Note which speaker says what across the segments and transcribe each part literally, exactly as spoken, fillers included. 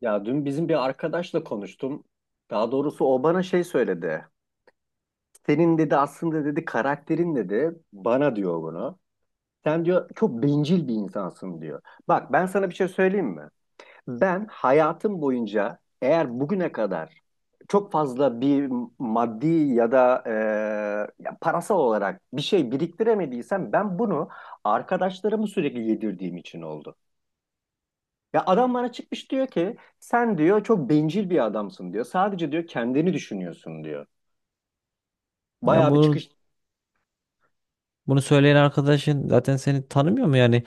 Speaker 1: Ya dün bizim bir arkadaşla konuştum. Daha doğrusu o bana şey söyledi. Senin dedi aslında dedi karakterin dedi bana diyor bunu. Sen diyor çok bencil bir insansın diyor. Bak ben sana bir şey söyleyeyim mi? Ben hayatım boyunca eğer bugüne kadar çok fazla bir maddi ya da e, ya parasal olarak bir şey biriktiremediysem ben bunu arkadaşlarımı sürekli yedirdiğim için oldu. Ya adam bana çıkmış diyor ki sen diyor çok bencil bir adamsın diyor. Sadece diyor kendini düşünüyorsun diyor.
Speaker 2: Ya
Speaker 1: Bayağı bir
Speaker 2: bunu
Speaker 1: çıkış.
Speaker 2: bunu söyleyen arkadaşın zaten seni tanımıyor mu yani?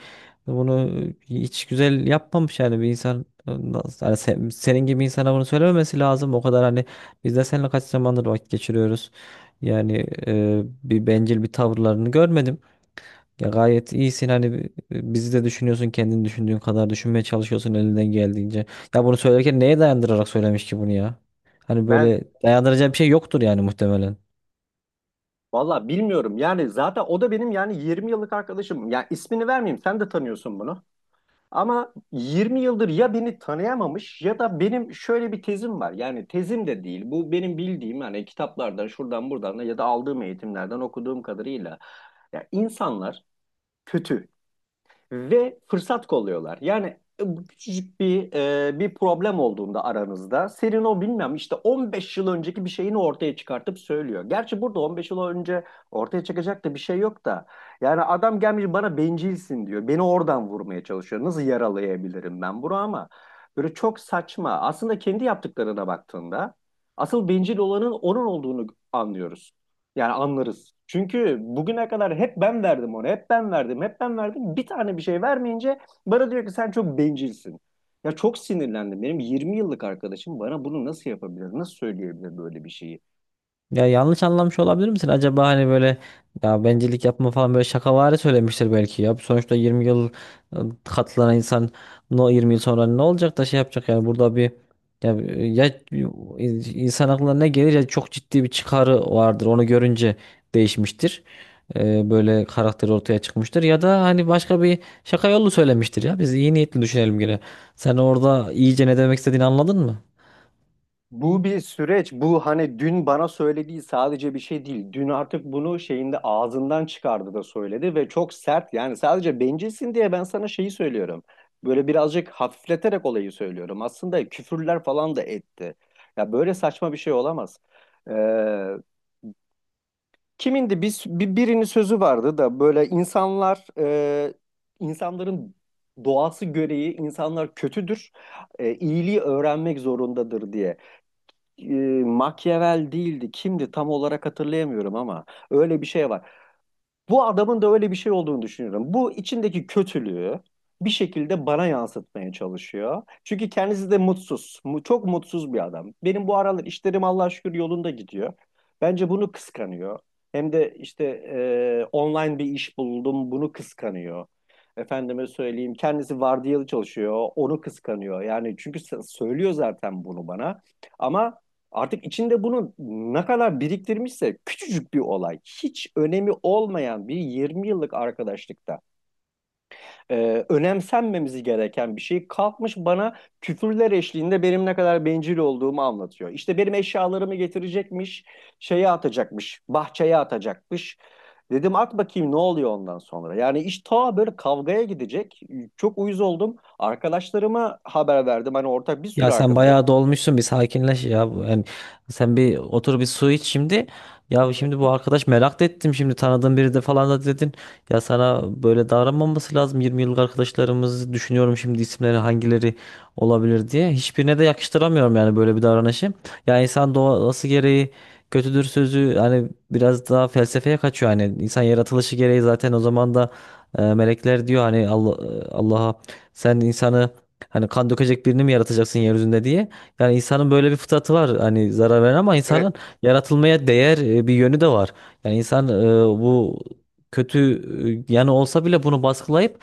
Speaker 2: Bunu hiç güzel yapmamış yani bir insan nasıl- yani sen- senin gibi insana bunu söylememesi lazım. O kadar hani biz de seninle kaç zamandır vakit geçiriyoruz. Yani e, bir bencil bir tavırlarını görmedim. Ya gayet iyisin hani bi- bizi de düşünüyorsun, kendini düşündüğün kadar düşünmeye çalışıyorsun elinden geldiğince. Ya bunu söylerken neye dayandırarak söylemiş ki bunu ya? Hani
Speaker 1: Ben
Speaker 2: böyle dayandıracağı bir şey yoktur yani muhtemelen.
Speaker 1: valla bilmiyorum yani zaten o da benim yani yirmi yıllık arkadaşım. Ya ismini vermeyeyim sen de tanıyorsun bunu. Ama yirmi yıldır ya beni tanıyamamış ya da benim şöyle bir tezim var. Yani tezim de değil. Bu benim bildiğim hani kitaplardan şuradan buradan da ya da aldığım eğitimlerden okuduğum kadarıyla. Ya insanlar kötü ve fırsat kolluyorlar. Yani e, bu küçücük bir e, bir problem olduğunda aranızda Serino bilmem işte on beş yıl önceki bir şeyini ortaya çıkartıp söylüyor. Gerçi burada on beş yıl önce ortaya çıkacak da bir şey yok da. Yani adam gelmiş bana bencilsin diyor. Beni oradan vurmaya çalışıyor. Nasıl yaralayabilirim ben bunu ama böyle çok saçma. Aslında kendi yaptıklarına baktığında asıl bencil olanın onun olduğunu anlıyoruz. Yani anlarız. Çünkü bugüne kadar hep ben verdim onu, hep ben verdim, hep ben verdim. Bir tane bir şey vermeyince bana diyor ki sen çok bencilsin. Ya çok sinirlendim. Benim yirmi yıllık arkadaşım bana bunu nasıl yapabilir, nasıl söyleyebilir böyle bir şeyi?
Speaker 2: Ya yanlış anlamış olabilir misin? Acaba hani böyle ya bencillik yapma falan böyle şakavari söylemiştir belki ya. Sonuçta yirmi yıl ıı, katlanan insan no, yirmi yıl sonra ne olacak da şey yapacak yani burada bir ya, ya ıı, insan aklına ne gelir ya, çok ciddi bir çıkarı vardır. Onu görünce değişmiştir. Ee, böyle karakteri ortaya çıkmıştır ya da hani başka bir şaka yolu söylemiştir ya. Biz iyi niyetli düşünelim gene. Sen orada iyice ne demek istediğini anladın mı?
Speaker 1: Bu bir süreç. Bu hani dün bana söylediği sadece bir şey değil. Dün artık bunu şeyinde ağzından çıkardı da söyledi ve çok sert. Yani sadece bencilsin diye ben sana şeyi söylüyorum. Böyle birazcık hafifleterek olayı söylüyorum. Aslında küfürler falan da etti. Ya böyle saçma bir şey olamaz. Ee, Kimindi? Bir, bir- birinin sözü vardı da böyle insanlar e, insanların doğası gereği insanlar kötüdür. E, iyiliği öğrenmek zorundadır diye e, Machiavelli değildi. Kimdi tam olarak hatırlayamıyorum ama öyle bir şey var. Bu adamın da öyle bir şey olduğunu düşünüyorum. Bu içindeki kötülüğü bir şekilde bana yansıtmaya çalışıyor. Çünkü kendisi de mutsuz. Mu- Çok mutsuz bir adam. Benim bu aralar işlerim Allah'a şükür yolunda gidiyor. Bence bunu kıskanıyor. Hem de işte e, online bir iş buldum, bunu kıskanıyor. Efendime söyleyeyim, kendisi vardiyalı çalışıyor, onu kıskanıyor. Yani çünkü s- söylüyor zaten bunu bana. Ama artık içinde bunu ne kadar biriktirmişse küçücük bir olay, hiç önemi olmayan bir yirmi yıllık arkadaşlıkta e, önemsenmemizi gereken bir şey kalkmış bana küfürler eşliğinde benim ne kadar bencil olduğumu anlatıyor. İşte benim eşyalarımı getirecekmiş, şeye atacakmış, bahçeye atacakmış. Dedim at bakayım ne oluyor ondan sonra. Yani iş ta böyle kavgaya gidecek. Çok uyuz oldum. Arkadaşlarıma haber verdim. Hani ortak bir sürü
Speaker 2: Ya sen
Speaker 1: arkadaşım.
Speaker 2: bayağı dolmuşsun, bir sakinleş ya. Bu- hem- sen bir otur, bir su iç şimdi. Ya şimdi bu arkadaş merak da ettim, şimdi tanıdığın biri de falan da dedin. Ya sana böyle davranmaması lazım. yirmi yıllık arkadaşlarımızı düşünüyorum şimdi, isimleri hangileri olabilir diye. Hiçbirine de yakıştıramıyorum yani böyle bir davranışı. Ya insan doğası gereği kötüdür sözü hani biraz daha felsefeye kaçıyor, hani insan yaratılışı gereği zaten o zaman da e, melekler diyor hani Allah, Allah'a sen insanı hani kan dökecek birini mi yaratacaksın yeryüzünde diye. Yani insanın böyle bir fıtratı var. Hani zarar veren ama
Speaker 1: Evet.
Speaker 2: insanın yaratılmaya değer e, bir yönü de var. Yani insan e, bu kötü e, yanı olsa bile bunu baskılayıp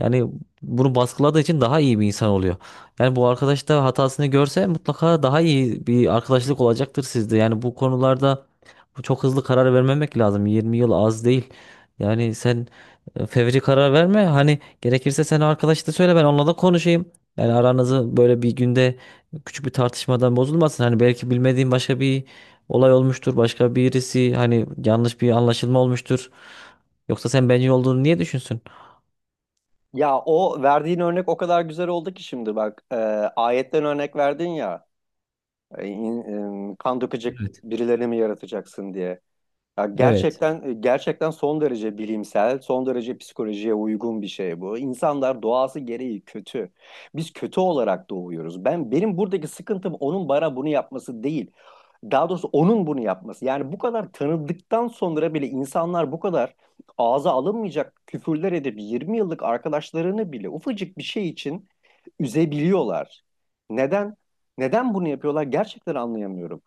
Speaker 2: yani bunu baskıladığı için daha iyi bir insan oluyor. Yani bu arkadaş da hatasını görse mutlaka daha iyi bir arkadaşlık olacaktır sizde. Yani bu konularda çok hızlı karar vermemek lazım. yirmi yıl az değil. Yani sen e, fevri karar verme. Hani gerekirse sen arkadaşına söyle, ben onunla da konuşayım. Yani aranızı böyle bir günde küçük bir tartışmadan bozulmasın. Hani belki bilmediğin başka bir olay olmuştur. Başka birisi hani, yanlış bir anlaşılma olmuştur. Yoksa sen bencil olduğunu niye düşünsün?
Speaker 1: Ya o verdiğin örnek o kadar güzel oldu ki şimdi bak e, ayetten örnek verdin ya e, in- e, kan dökecek
Speaker 2: Evet.
Speaker 1: birilerini mi yaratacaksın diye. Ya
Speaker 2: Evet.
Speaker 1: gerçekten e, gerçekten son derece bilimsel, son derece psikolojiye uygun bir şey bu. İnsanlar doğası gereği kötü. Biz kötü olarak doğuyoruz. Ben benim buradaki sıkıntım onun bana bunu yapması değil. Daha doğrusu onun bunu yapması. Yani bu kadar tanıdıktan sonra bile insanlar bu kadar ağza alınmayacak küfürler edip yirmi yıllık arkadaşlarını bile ufacık bir şey için üzebiliyorlar. Neden? Neden bunu yapıyorlar? Gerçekten anlayamıyorum.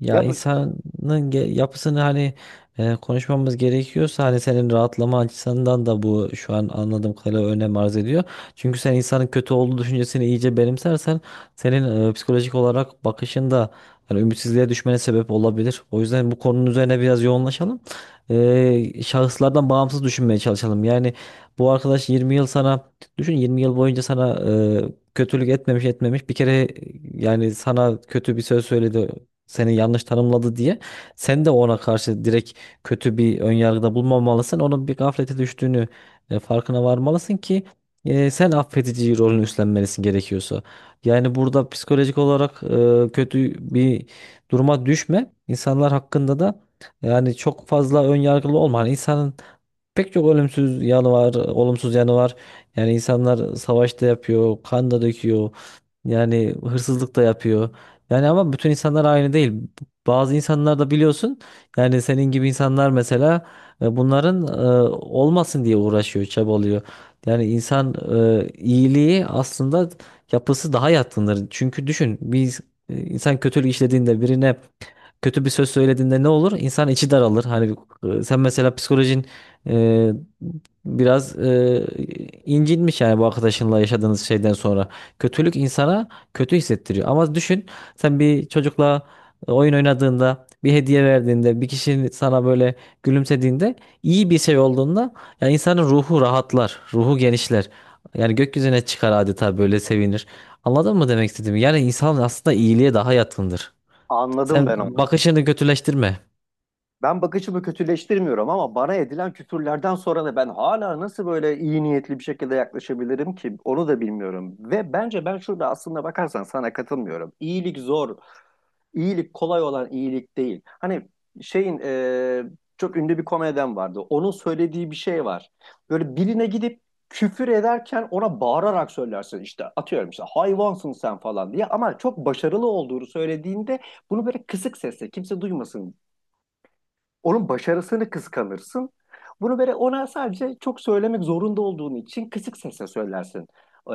Speaker 2: Ya
Speaker 1: Ya bu,
Speaker 2: insanın ge- yapısını hani e, konuşmamız gerekiyorsa, hani senin rahatlama açısından da bu şu an anladığım kadarıyla önem arz ediyor. Çünkü sen insanın kötü olduğu düşüncesini iyice benimsersen senin e, psikolojik olarak bakışında hani ümitsizliğe düşmene sebep olabilir. O yüzden bu konunun üzerine biraz yoğunlaşalım. E, şahıslardan bağımsız düşünmeye çalışalım. Yani bu arkadaş yirmi yıl sana, düşün, yirmi yıl boyunca sana e, kötülük etmemiş etmemiş bir kere. E, yani sana kötü bir söz söyledi, seni yanlış tanımladı diye sen de ona karşı direkt kötü bir önyargıda bulmamalısın. Onun bir gaflete düştüğünü e, farkına varmalısın ki e, sen affedici rolünü üstlenmelisin gerekiyorsa. Yani burada psikolojik olarak e, kötü bir duruma düşme. İnsanlar hakkında da yani çok fazla önyargılı olma. Hani insanın pek çok olumsuz yanı var, olumsuz yanı var. Yani insanlar savaşta yapıyor, kan da döküyor. Yani hırsızlık da yapıyor. Yani ama bütün insanlar aynı değil. Bazı insanlar da biliyorsun, yani senin gibi insanlar mesela e, bunların e, olmasın diye uğraşıyor, çabalıyor. Yani insan e, iyiliği aslında yapısı daha yatkındır. Çünkü düşün, bir insan kötülük işlediğinde birine, kötü bir söz söylediğinde ne olur? İnsan içi daralır. Hani e, sen mesela psikolojin ee, biraz e, incinmiş, yani bu arkadaşınla yaşadığınız şeyden sonra. Kötülük insana kötü hissettiriyor. Ama düşün, sen bir çocukla e, oyun oynadığında, bir hediye verdiğinde, bir kişinin sana böyle gülümsediğinde, iyi bir şey olduğunda yani insanın ruhu rahatlar, ruhu genişler. Yani gökyüzüne çıkar adeta, böyle sevinir. Anladın mı demek istediğimi? Yani insan aslında iyiliğe daha yatkındır.
Speaker 1: Anladım
Speaker 2: Sen
Speaker 1: ben onu.
Speaker 2: bakışını kötüleştirme.
Speaker 1: Ben bakışımı kötüleştirmiyorum ama bana edilen küfürlerden sonra da ben hala nasıl böyle iyi niyetli bir şekilde yaklaşabilirim ki onu da bilmiyorum. Ve bence ben şurada aslında bakarsan sana katılmıyorum. İyilik zor, iyilik kolay olan iyilik değil. Hani şeyin e, çok ünlü bir komedyen vardı. Onun söylediği bir şey var. Böyle birine gidip küfür ederken ona bağırarak söylersin işte atıyorum işte hayvansın sen falan diye ama çok başarılı olduğunu söylediğinde bunu böyle kısık sesle kimse duymasın onun başarısını kıskanırsın. Bunu böyle ona sadece çok söylemek zorunda olduğun için kısık sesle söylersin.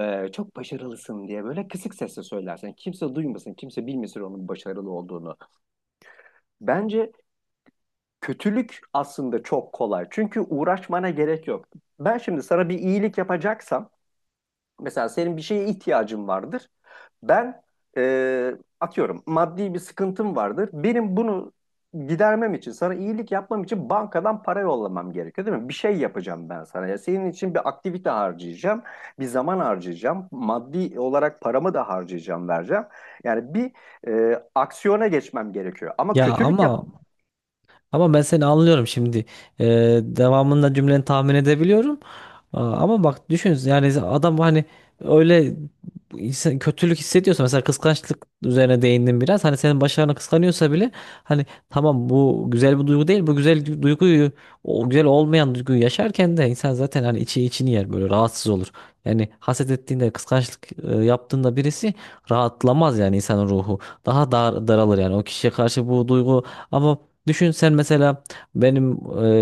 Speaker 1: Ee, çok başarılısın diye böyle kısık sesle söylersin. Kimse duymasın, kimse bilmesin onun başarılı olduğunu. Bence kötülük aslında çok kolay. Çünkü uğraşmana gerek yok. Ben şimdi sana bir iyilik yapacaksam, mesela senin bir şeye ihtiyacın vardır. Ben e, atıyorum maddi bir sıkıntım vardır. Benim bunu gidermem için, sana iyilik yapmam için bankadan para yollamam gerekiyor değil mi? Bir şey yapacağım ben sana. Ya senin için bir aktivite harcayacağım, bir zaman harcayacağım, maddi olarak paramı da harcayacağım, vereceğim. Yani bir e, aksiyona geçmem gerekiyor. Ama
Speaker 2: Ya
Speaker 1: kötülük
Speaker 2: ama
Speaker 1: yapamam.
Speaker 2: Ama ben seni anlıyorum şimdi. Ee, Devamında cümleni tahmin edebiliyorum. Aa, ama bak, düşün, yani adam hani öyle insan, kötülük hissediyorsa, mesela kıskançlık üzerine değindim biraz. Hani senin başarına kıskanıyorsa bile, hani tamam bu güzel bir duygu değil. Bu güzel du- duyguyu, o güzel olmayan duyguyu yaşarken de insan zaten hani içi içini yer, böyle rahatsız olur. Yani haset ettiğinde, kıskançlık e, yaptığında birisi rahatlamaz yani, insanın ruhu daha dar, daralır yani o kişiye karşı bu duygu. Ama düşün sen mesela, benim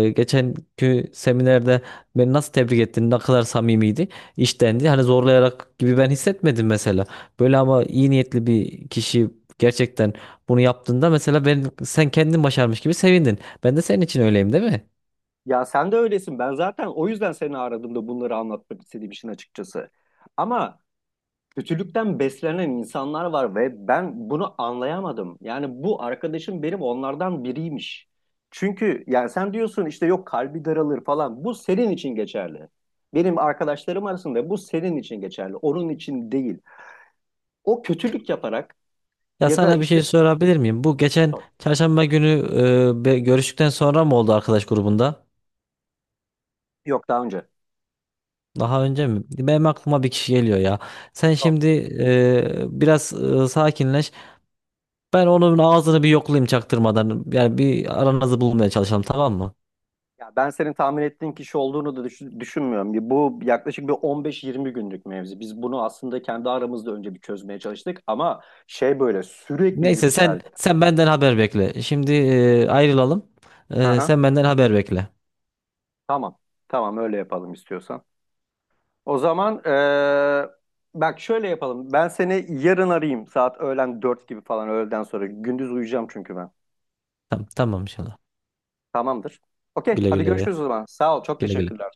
Speaker 2: e, geçenki seminerde beni nasıl tebrik ettin, ne kadar samimiydi, içtendi. Hani zorlayarak gibi ben hissetmedim mesela. Böyle ama iyi niyetli bir kişi gerçekten bunu yaptığında, mesela ben, sen kendin başarmış gibi sevindin. Ben de senin için öyleyim değil mi?
Speaker 1: Ya sen de öylesin. Ben zaten o yüzden seni aradım da bunları anlatmak istediğim için açıkçası. Ama kötülükten beslenen insanlar var ve ben bunu anlayamadım. Yani bu arkadaşım benim onlardan biriymiş. Çünkü yani sen diyorsun işte yok kalbi daralır falan. Bu senin için geçerli. Benim arkadaşlarım arasında bu senin için geçerli. Onun için değil. O kötülük yaparak
Speaker 2: Ya
Speaker 1: ya da
Speaker 2: sana bir şey
Speaker 1: işte.
Speaker 2: sorabilir miyim? Bu geçen çarşamba günü e, be- görüştükten sonra mı oldu arkadaş grubunda?
Speaker 1: Yok, daha önce.
Speaker 2: Daha önce mi? Benim aklıma bir kişi geliyor ya. Sen şimdi e, biraz e, sakinleş. Ben onun ağzını bir yoklayayım çaktırmadan. Yani bir aranızı bulmaya çalışalım, tamam mı?
Speaker 1: Ya ben senin tahmin ettiğin kişi olduğunu da düşün- düşünmüyorum. Bir- Bu yaklaşık bir on beş yirmi günlük mevzi. Biz bunu aslında kendi aramızda önce bir çözmeye çalıştık ama şey böyle sürekli
Speaker 2: Neyse, sen
Speaker 1: yükseldi.
Speaker 2: sen benden haber bekle. Şimdi e, ayrılalım.
Speaker 1: Hı
Speaker 2: E,
Speaker 1: hı.
Speaker 2: sen benden haber bekle.
Speaker 1: Tamam. Tamam öyle yapalım istiyorsan. O zaman eee, bak şöyle yapalım. Ben seni yarın arayayım saat öğlen dört gibi falan öğleden sonra. Gündüz uyuyacağım çünkü ben.
Speaker 2: Tamam, tamam, inşallah.
Speaker 1: Tamamdır. Okey
Speaker 2: Güle
Speaker 1: hadi
Speaker 2: güle.
Speaker 1: görüşürüz o zaman. Sağ ol çok
Speaker 2: Güle güle.
Speaker 1: teşekkürler.